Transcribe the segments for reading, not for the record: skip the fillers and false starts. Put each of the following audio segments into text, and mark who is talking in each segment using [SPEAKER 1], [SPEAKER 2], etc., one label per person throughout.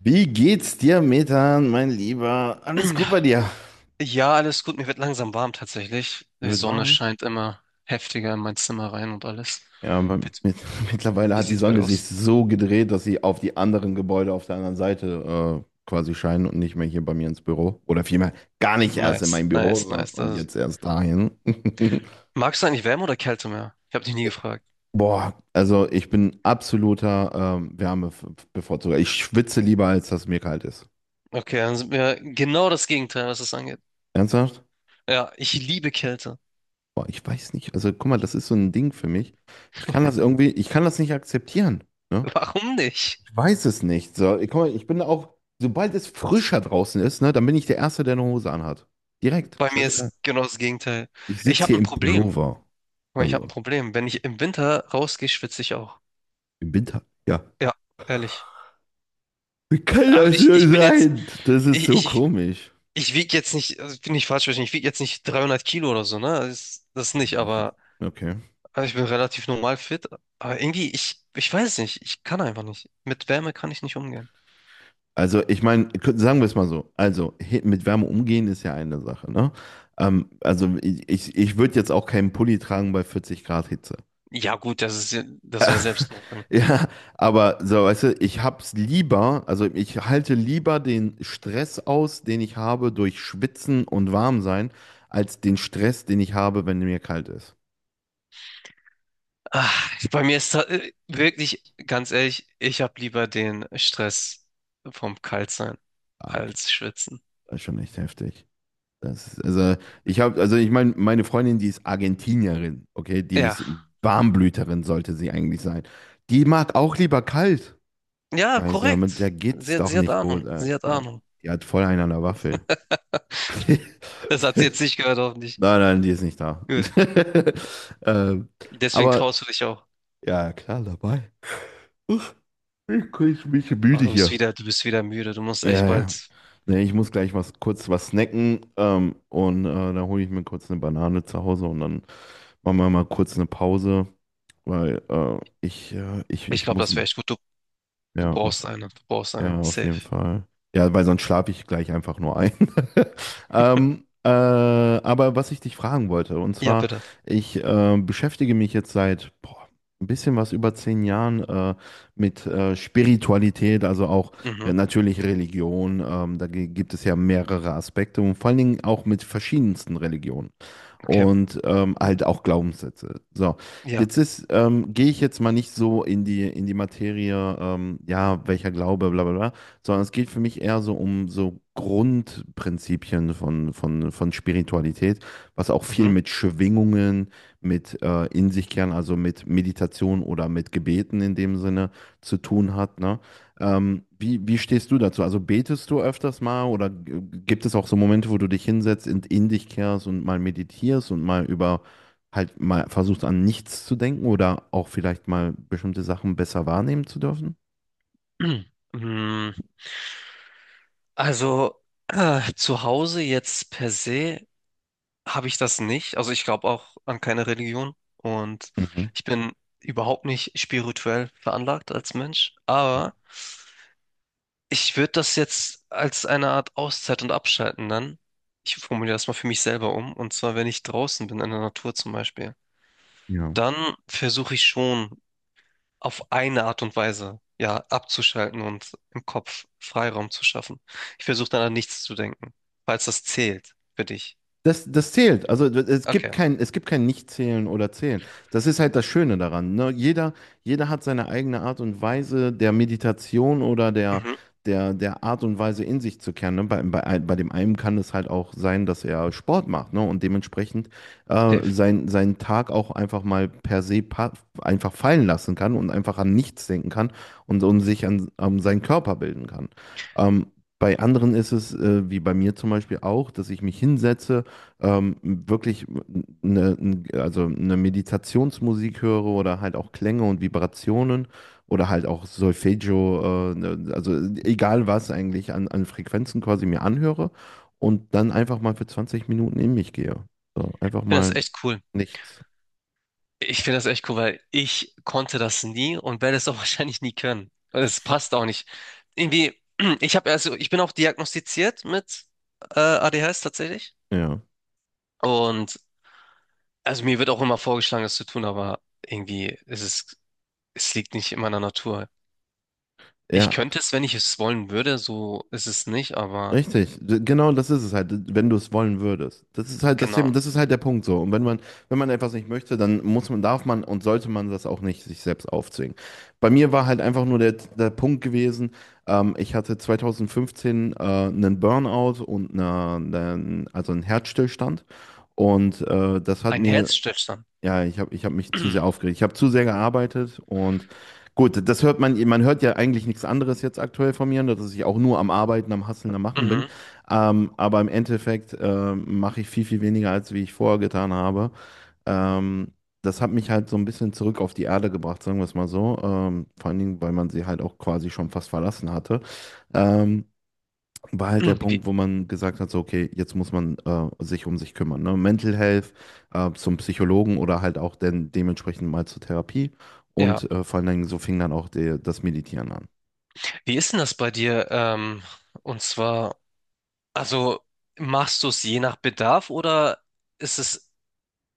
[SPEAKER 1] Wie geht's dir, Methan, mein Lieber? Alles gut bei dir?
[SPEAKER 2] Ja, alles gut. Mir wird langsam warm tatsächlich.
[SPEAKER 1] Hier
[SPEAKER 2] Die
[SPEAKER 1] wird
[SPEAKER 2] Sonne
[SPEAKER 1] warm.
[SPEAKER 2] scheint immer heftiger in mein Zimmer rein und alles.
[SPEAKER 1] Ja, aber
[SPEAKER 2] Wie,
[SPEAKER 1] mittlerweile
[SPEAKER 2] wie
[SPEAKER 1] hat die
[SPEAKER 2] sieht's bei
[SPEAKER 1] Sonne
[SPEAKER 2] dir
[SPEAKER 1] sich
[SPEAKER 2] aus?
[SPEAKER 1] so gedreht, dass sie auf die anderen Gebäude auf der anderen Seite quasi scheinen und nicht mehr hier bei mir ins Büro. Oder vielmehr gar nicht erst in mein
[SPEAKER 2] Nice,
[SPEAKER 1] Büro
[SPEAKER 2] nice, nice.
[SPEAKER 1] und jetzt erst dahin.
[SPEAKER 2] Magst du eigentlich Wärme oder Kälte mehr? Ich habe dich nie gefragt.
[SPEAKER 1] Boah, also ich bin absoluter Wärmebevorzuger. Ich schwitze lieber, als dass mir kalt ist.
[SPEAKER 2] Okay, dann sind wir genau das Gegenteil, was das angeht.
[SPEAKER 1] Ernsthaft?
[SPEAKER 2] Ja, ich liebe Kälte.
[SPEAKER 1] Boah, ich weiß nicht. Also guck mal, das ist so ein Ding für mich. Ich kann das irgendwie, ich kann das nicht akzeptieren. Ne?
[SPEAKER 2] Warum nicht?
[SPEAKER 1] Weiß es nicht. So, guck mal, sobald es frischer draußen ist, ne, dann bin ich der Erste, der eine Hose anhat. Direkt.
[SPEAKER 2] Bei mir
[SPEAKER 1] Scheißegal.
[SPEAKER 2] ist genau das Gegenteil.
[SPEAKER 1] Ich
[SPEAKER 2] Ich
[SPEAKER 1] sitze
[SPEAKER 2] habe
[SPEAKER 1] hier
[SPEAKER 2] ein
[SPEAKER 1] im
[SPEAKER 2] Problem.
[SPEAKER 1] Pullover.
[SPEAKER 2] Ich habe ein
[SPEAKER 1] Also
[SPEAKER 2] Problem. Wenn ich im Winter rausgehe, schwitze ich auch.
[SPEAKER 1] im Winter. Ja.
[SPEAKER 2] Ja, ehrlich.
[SPEAKER 1] Wie kann
[SPEAKER 2] Also
[SPEAKER 1] das
[SPEAKER 2] ich,
[SPEAKER 1] nur
[SPEAKER 2] ich bin jetzt,
[SPEAKER 1] sein? Das ist
[SPEAKER 2] ich,
[SPEAKER 1] so
[SPEAKER 2] ich
[SPEAKER 1] komisch.
[SPEAKER 2] Ich wiege jetzt nicht, also ich bin ich falsch verstehen, ich wiege jetzt nicht 300 Kilo oder so, ne? Das nicht, aber,
[SPEAKER 1] Okay.
[SPEAKER 2] aber ich bin relativ normal fit. Aber irgendwie, ich weiß nicht, ich kann einfach nicht. Mit Wärme kann ich nicht umgehen.
[SPEAKER 1] Also, ich meine, sagen wir es mal so. Also, mit Wärme umgehen ist ja eine Sache, ne? Also, ich würde jetzt auch keinen Pulli tragen bei 40 Grad Hitze.
[SPEAKER 2] Ja, gut, das wäre Selbstmord bei mir.
[SPEAKER 1] Ja, aber so, weißt du, ich hab's lieber, also ich halte lieber den Stress aus, den ich habe durch Schwitzen und Warmsein, als den Stress, den ich habe, wenn mir kalt ist.
[SPEAKER 2] Ah, bei mir ist wirklich, ganz ehrlich, ich habe lieber den Stress vom Kaltsein
[SPEAKER 1] Ah, okay.
[SPEAKER 2] als Schwitzen.
[SPEAKER 1] Das ist schon echt heftig. Das ist, also ich habe, also ich meine, Freundin, die ist Argentinierin, okay, die
[SPEAKER 2] Ja,
[SPEAKER 1] ist Warmblüterin, sollte sie eigentlich sein. Die mag auch lieber kalt.
[SPEAKER 2] ja,
[SPEAKER 1] Weißt du, mit der
[SPEAKER 2] korrekt.
[SPEAKER 1] geht's doch
[SPEAKER 2] Sie hat
[SPEAKER 1] nicht
[SPEAKER 2] Ahnung,
[SPEAKER 1] gut.
[SPEAKER 2] sie hat
[SPEAKER 1] Ja.
[SPEAKER 2] Ahnung.
[SPEAKER 1] Die hat voll einen an der Waffel.
[SPEAKER 2] Das hat sie jetzt nicht gehört, hoffentlich.
[SPEAKER 1] Nein, nein, die ist nicht da.
[SPEAKER 2] Gut,
[SPEAKER 1] ähm,
[SPEAKER 2] deswegen traust
[SPEAKER 1] aber
[SPEAKER 2] du dich auch.
[SPEAKER 1] ja, klar, dabei. Uff, ich krieg mich
[SPEAKER 2] Oh,
[SPEAKER 1] müde
[SPEAKER 2] du bist
[SPEAKER 1] hier.
[SPEAKER 2] wieder, du bist wieder müde. Du musst echt
[SPEAKER 1] Ja, ja.
[SPEAKER 2] bald.
[SPEAKER 1] Nee, ich muss gleich was kurz was snacken und dann hole ich mir kurz eine Banane zu Hause und dann machen wir mal kurz eine Pause, weil äh, ich, äh, ich,
[SPEAKER 2] Ich
[SPEAKER 1] ich
[SPEAKER 2] glaube,
[SPEAKER 1] muss,
[SPEAKER 2] das wäre echt gut. Du
[SPEAKER 1] ja,
[SPEAKER 2] brauchst
[SPEAKER 1] auf
[SPEAKER 2] eine. Du brauchst eine.
[SPEAKER 1] Ja, auf
[SPEAKER 2] Safe.
[SPEAKER 1] jeden Fall. Ja, weil sonst schlafe ich gleich einfach nur ein. Aber was ich dich fragen wollte, und
[SPEAKER 2] Ja,
[SPEAKER 1] zwar,
[SPEAKER 2] bitte.
[SPEAKER 1] ich beschäftige mich jetzt seit boah, ein bisschen was über 10 Jahren mit Spiritualität, also auch
[SPEAKER 2] Mhm.
[SPEAKER 1] natürlich Religion. Da gibt es ja mehrere Aspekte und vor allen Dingen auch mit verschiedensten Religionen
[SPEAKER 2] Okay.
[SPEAKER 1] und halt auch Glaubenssätze. So,
[SPEAKER 2] Ja.
[SPEAKER 1] Jetzt ist, ähm, gehe ich jetzt mal nicht so in die Materie, ja, welcher Glaube, bla bla bla, sondern es geht für mich eher so um so Grundprinzipien von Spiritualität, was auch viel
[SPEAKER 2] Mhm.
[SPEAKER 1] mit Schwingungen, mit in sich kehren, also mit Meditation oder mit Gebeten in dem Sinne zu tun hat, ne? Wie stehst du dazu? Also betest du öfters mal oder gibt es auch so Momente, wo du dich hinsetzt und in dich kehrst und mal meditierst und mal über halt mal versucht, an nichts zu denken oder auch vielleicht mal bestimmte Sachen besser wahrnehmen zu dürfen.
[SPEAKER 2] Mm, Also, zu Hause jetzt per se habe ich das nicht. Also ich glaube auch an keine Religion. Und
[SPEAKER 1] Mhm.
[SPEAKER 2] ich bin überhaupt nicht spirituell veranlagt als Mensch. Aber ich würde das jetzt als eine Art Auszeit und Abschalten dann. Ich formuliere das mal für mich selber um. Und zwar, wenn ich draußen bin, in der Natur zum Beispiel,
[SPEAKER 1] Ja.
[SPEAKER 2] dann versuche ich schon auf eine Art und Weise, ja, abzuschalten und im Kopf Freiraum zu schaffen. Ich versuche dann an nichts zu denken, falls das zählt für dich.
[SPEAKER 1] Das zählt. Also es gibt
[SPEAKER 2] Okay.
[SPEAKER 1] kein, es gibt kein Nicht-Zählen oder Zählen. Das ist halt das Schöne daran. Ne? Jeder hat seine eigene Art und Weise der Meditation oder der,
[SPEAKER 2] Mhm.
[SPEAKER 1] der, der Art und Weise in sich zu kehren. Ne? Bei dem einen kann es halt auch sein, dass er Sport macht, ne? Und dementsprechend
[SPEAKER 2] Safe. Ich
[SPEAKER 1] seinen Tag auch einfach mal per se pa einfach fallen lassen kann und einfach an nichts denken kann und sich an seinen Körper bilden kann. Ähm, Bei anderen ist es, wie bei mir zum Beispiel auch, dass ich mich hinsetze, wirklich eine, also eine Meditationsmusik höre oder halt auch Klänge und Vibrationen oder halt auch Solfeggio, ne, also egal was eigentlich an Frequenzen quasi mir anhöre und dann einfach mal für 20 Minuten in mich gehe. So, einfach
[SPEAKER 2] finde das
[SPEAKER 1] mal
[SPEAKER 2] echt cool.
[SPEAKER 1] nichts.
[SPEAKER 2] Ich finde das echt cool, weil ich konnte das nie und werde es auch wahrscheinlich nie können. Und es passt auch nicht. Irgendwie, ich bin auch diagnostiziert mit ADHS tatsächlich.
[SPEAKER 1] Ja.
[SPEAKER 2] Und also mir wird auch immer vorgeschlagen, das zu tun, aber irgendwie ist es liegt nicht in meiner Natur. Ich
[SPEAKER 1] Ja,
[SPEAKER 2] könnte es, wenn ich es wollen würde, so ist es nicht, aber
[SPEAKER 1] richtig, genau das ist es halt, wenn du es wollen würdest. Das ist halt das
[SPEAKER 2] genau.
[SPEAKER 1] Thema, das ist halt der Punkt so. Und wenn man etwas nicht möchte, dann muss man, darf man und sollte man das auch nicht sich selbst aufzwingen. Bei mir war halt einfach nur der Punkt gewesen, ich hatte 2015 einen Burnout und also einen Herzstillstand. Und das hat
[SPEAKER 2] Ein
[SPEAKER 1] mir
[SPEAKER 2] Herzstillstand.
[SPEAKER 1] ja, ich hab mich zu sehr aufgeregt. Ich habe zu sehr gearbeitet und gut, das hört man hört ja eigentlich nichts anderes jetzt aktuell von mir, dass ich auch nur am Arbeiten, am Hasseln, am Machen bin.
[SPEAKER 2] Mhm.
[SPEAKER 1] Aber im Endeffekt mache ich viel, viel weniger, als wie ich vorher getan habe. Ähm, das hat mich halt so ein bisschen zurück auf die Erde gebracht, sagen wir es mal so. Vor allen Dingen, weil man sie halt auch quasi schon fast verlassen hatte. Ähm, war halt der
[SPEAKER 2] Wie,
[SPEAKER 1] Punkt, wo man gesagt hat, so, okay, jetzt muss man sich um sich kümmern. Ne? Mental Health, zum Psychologen oder halt auch dann dementsprechend mal zur Therapie.
[SPEAKER 2] ja.
[SPEAKER 1] Und vor allen Dingen so fing dann auch das Meditieren an.
[SPEAKER 2] Wie ist denn das bei dir? Und zwar, also machst du es je nach Bedarf oder ist es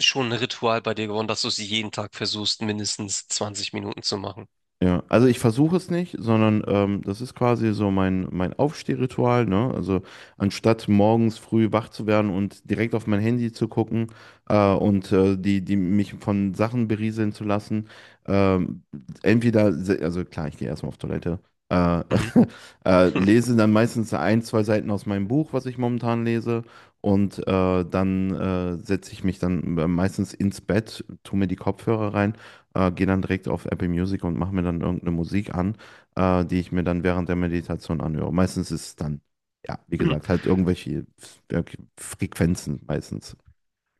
[SPEAKER 2] schon ein Ritual bei dir geworden, dass du es jeden Tag versuchst, mindestens 20 Minuten zu machen?
[SPEAKER 1] Ja, also ich versuche es nicht, sondern das ist quasi so mein Aufstehritual, ne? Also anstatt morgens früh wach zu werden und direkt auf mein Handy zu gucken, und die mich von Sachen berieseln zu lassen, ähm, also klar, ich gehe erstmal auf Toilette, äh, lese dann meistens ein, zwei Seiten aus meinem Buch, was ich momentan lese. Und dann setze ich mich dann meistens ins Bett, tue mir die Kopfhörer rein, gehe dann direkt auf Apple Music und mache mir dann irgendeine Musik an, die ich mir dann während der Meditation anhöre. Meistens ist es dann, ja, wie
[SPEAKER 2] Mhm.
[SPEAKER 1] gesagt, halt irgendwelche Frequenzen meistens.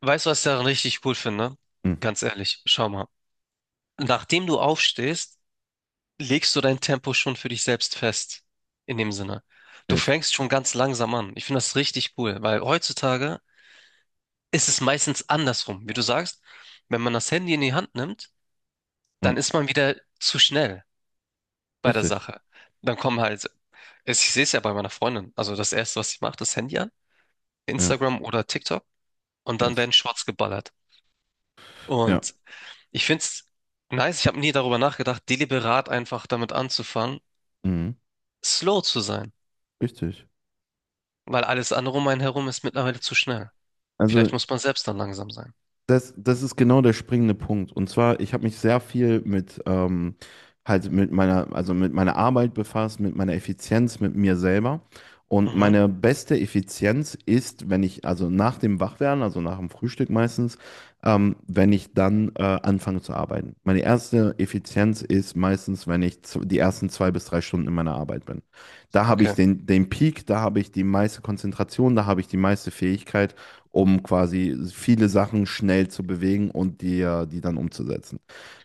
[SPEAKER 2] Weißt du, was ich daran richtig cool finde?
[SPEAKER 1] Hm,
[SPEAKER 2] Ganz ehrlich, schau mal. Nachdem du aufstehst, legst du dein Tempo schon für dich selbst fest. In dem Sinne. Du
[SPEAKER 1] yes.
[SPEAKER 2] fängst schon ganz langsam an. Ich finde das richtig cool, weil heutzutage ist es meistens andersrum. Wie du sagst, wenn man das Handy in die Hand nimmt,
[SPEAKER 1] Hm,
[SPEAKER 2] dann ist man wieder zu schnell bei der
[SPEAKER 1] richtig.
[SPEAKER 2] Sache. Dann kommen halt, ich sehe es ja bei meiner Freundin. Also das Erste, was sie macht, das Handy an,
[SPEAKER 1] Ja,
[SPEAKER 2] Instagram oder TikTok, und dann
[SPEAKER 1] yes.
[SPEAKER 2] werden Shorts geballert.
[SPEAKER 1] Ja.
[SPEAKER 2] Und ich find's nice, ich habe nie darüber nachgedacht, deliberat einfach damit anzufangen,
[SPEAKER 1] Mhm.
[SPEAKER 2] slow zu sein,
[SPEAKER 1] Richtig.
[SPEAKER 2] weil alles andere um einen herum ist mittlerweile zu schnell.
[SPEAKER 1] Also
[SPEAKER 2] Vielleicht muss man selbst dann langsam sein.
[SPEAKER 1] das ist genau der springende Punkt. Und zwar, ich habe mich sehr viel mit halt also mit meiner Arbeit befasst, mit meiner Effizienz, mit mir selber. Und
[SPEAKER 2] Mhm.
[SPEAKER 1] meine beste Effizienz ist, wenn ich, also nach dem Wachwerden, also nach dem Frühstück meistens, wenn ich dann anfange zu arbeiten. Meine erste Effizienz ist meistens, wenn ich die ersten 2 bis 3 Stunden in meiner Arbeit bin. Da habe ich
[SPEAKER 2] Okay.
[SPEAKER 1] den Peak, da habe ich die meiste Konzentration, da habe ich die meiste Fähigkeit um quasi viele Sachen schnell zu bewegen und dir die dann umzusetzen.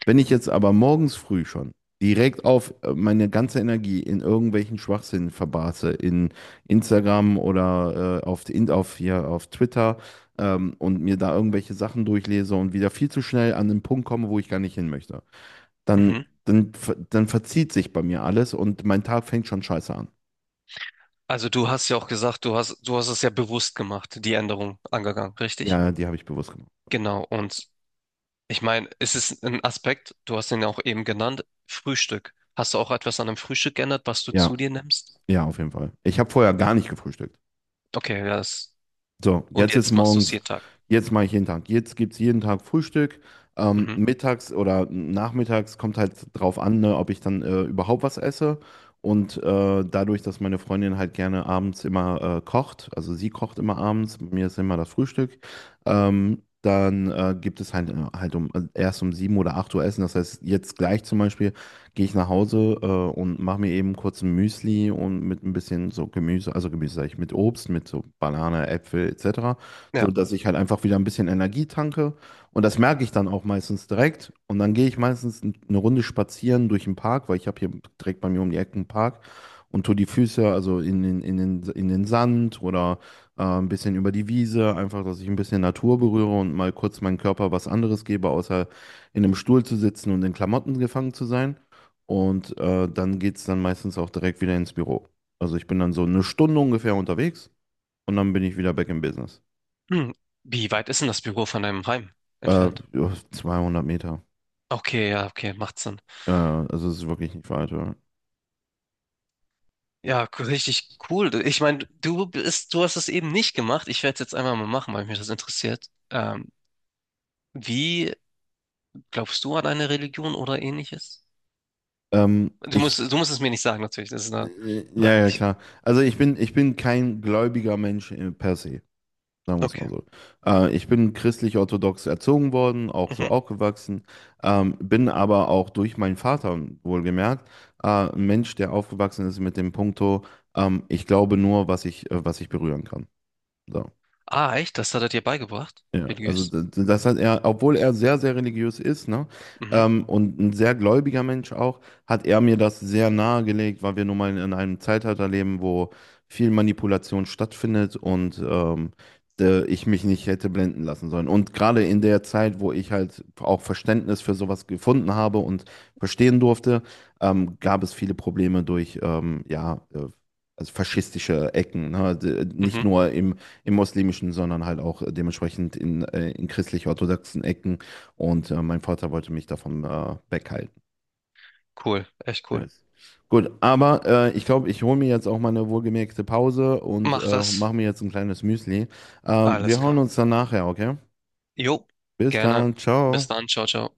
[SPEAKER 1] Wenn ich jetzt aber morgens früh schon direkt auf meine ganze Energie in irgendwelchen Schwachsinn verbarse, in Instagram oder auf, in, auf, hier, auf Twitter, und mir da irgendwelche Sachen durchlese und wieder viel zu schnell an den Punkt komme, wo ich gar nicht hin möchte, dann,
[SPEAKER 2] Mhm.
[SPEAKER 1] dann, ver- dann verzieht sich bei mir alles und mein Tag fängt schon scheiße an.
[SPEAKER 2] Also du hast ja auch gesagt, du hast es ja bewusst gemacht, die Änderung angegangen, richtig?
[SPEAKER 1] Ja, die habe ich bewusst gemacht.
[SPEAKER 2] Genau. Und ich meine, es ist ein Aspekt, du hast ihn ja auch eben genannt, Frühstück. Hast du auch etwas an dem Frühstück geändert, was du
[SPEAKER 1] Ja,
[SPEAKER 2] zu dir nimmst?
[SPEAKER 1] ja, auf jeden Fall. Ich habe vorher gar nicht gefrühstückt.
[SPEAKER 2] Okay, ja, das.
[SPEAKER 1] So,
[SPEAKER 2] Und jetzt machst du es jeden Tag.
[SPEAKER 1] jetzt mache ich jeden Tag. Jetzt gibt es jeden Tag Frühstück. Ähm,
[SPEAKER 2] Mhm.
[SPEAKER 1] mittags oder nachmittags kommt halt drauf an, ne, ob ich dann überhaupt was esse. Und dadurch, dass meine Freundin halt gerne abends immer kocht, also sie kocht immer abends, bei mir ist immer das Frühstück, dann gibt es halt, also erst um 7 oder 8 Uhr Essen. Das heißt, jetzt gleich zum Beispiel gehe ich nach Hause, und mache mir eben kurz ein Müsli und mit ein bisschen so Gemüse, also Gemüse sag ich, mit Obst, mit so Banane, Äpfel etc., so
[SPEAKER 2] Ja.
[SPEAKER 1] dass ich halt einfach wieder ein bisschen Energie tanke und das merke ich dann auch meistens direkt und dann gehe ich meistens eine Runde spazieren durch den Park, weil ich habe hier direkt bei mir um die Ecke einen Park und tue die Füße also in den, in den Sand oder ein bisschen über die Wiese, einfach, dass ich ein bisschen Natur berühre und mal kurz meinem Körper was anderes gebe, außer in einem Stuhl zu sitzen und in Klamotten gefangen zu sein. Und dann geht es dann meistens auch direkt wieder ins Büro. Also ich bin dann so eine Stunde ungefähr unterwegs und dann bin ich wieder back in Business.
[SPEAKER 2] Hm, wie weit ist denn das Büro von deinem Heim
[SPEAKER 1] Äh,
[SPEAKER 2] entfernt?
[SPEAKER 1] ja, 200 Meter.
[SPEAKER 2] Okay, ja, okay, macht Sinn.
[SPEAKER 1] Also es ist wirklich nicht weit. Ja.
[SPEAKER 2] Ja, richtig cool. Ich meine, du hast es eben nicht gemacht. Ich werde es jetzt einmal mal machen, weil mich das interessiert. Wie glaubst du an eine Religion oder ähnliches?
[SPEAKER 1] Ähm,
[SPEAKER 2] Du
[SPEAKER 1] ich,
[SPEAKER 2] musst, du musst es mir nicht sagen, natürlich. Das ist eine
[SPEAKER 1] ja, ja,
[SPEAKER 2] freiwillig.
[SPEAKER 1] klar. Also ich bin, kein gläubiger Mensch per se. Sagen wir es mal
[SPEAKER 2] Okay.
[SPEAKER 1] so. Ich bin christlich-orthodox erzogen worden, auch so
[SPEAKER 2] Mhm.
[SPEAKER 1] aufgewachsen, bin aber auch durch meinen Vater, wohlgemerkt, ein Mensch, der aufgewachsen ist mit dem Punkto, ich glaube nur, was ich berühren kann. So.
[SPEAKER 2] Ah, echt? Das hat er dir beigebracht?
[SPEAKER 1] Ja, also
[SPEAKER 2] Religiös?
[SPEAKER 1] das hat er, obwohl er sehr, sehr religiös ist, ne,
[SPEAKER 2] Mhm.
[SPEAKER 1] und ein sehr gläubiger Mensch auch, hat er mir das sehr nahegelegt, weil wir nun mal in einem Zeitalter leben, wo viel Manipulation stattfindet und ich mich nicht hätte blenden lassen sollen. Und gerade in der Zeit, wo ich halt auch Verständnis für sowas gefunden habe und verstehen durfte, gab es viele Probleme durch, ja, also faschistische Ecken, ne, nicht
[SPEAKER 2] Mhm.
[SPEAKER 1] nur im muslimischen, sondern halt auch dementsprechend in christlich-orthodoxen Ecken. Und mein Vater wollte mich davon weghalten.
[SPEAKER 2] Cool. Echt cool.
[SPEAKER 1] Yes. Gut, aber ich glaube, ich hole mir jetzt auch mal eine wohlgemerkte Pause und
[SPEAKER 2] Mach
[SPEAKER 1] mache
[SPEAKER 2] das.
[SPEAKER 1] mir jetzt ein kleines Müsli. Ähm,
[SPEAKER 2] Alles
[SPEAKER 1] wir hören
[SPEAKER 2] klar.
[SPEAKER 1] uns dann nachher, okay?
[SPEAKER 2] Jo,
[SPEAKER 1] Bis
[SPEAKER 2] gerne.
[SPEAKER 1] dann,
[SPEAKER 2] Bis
[SPEAKER 1] ciao.
[SPEAKER 2] dann. Ciao, ciao.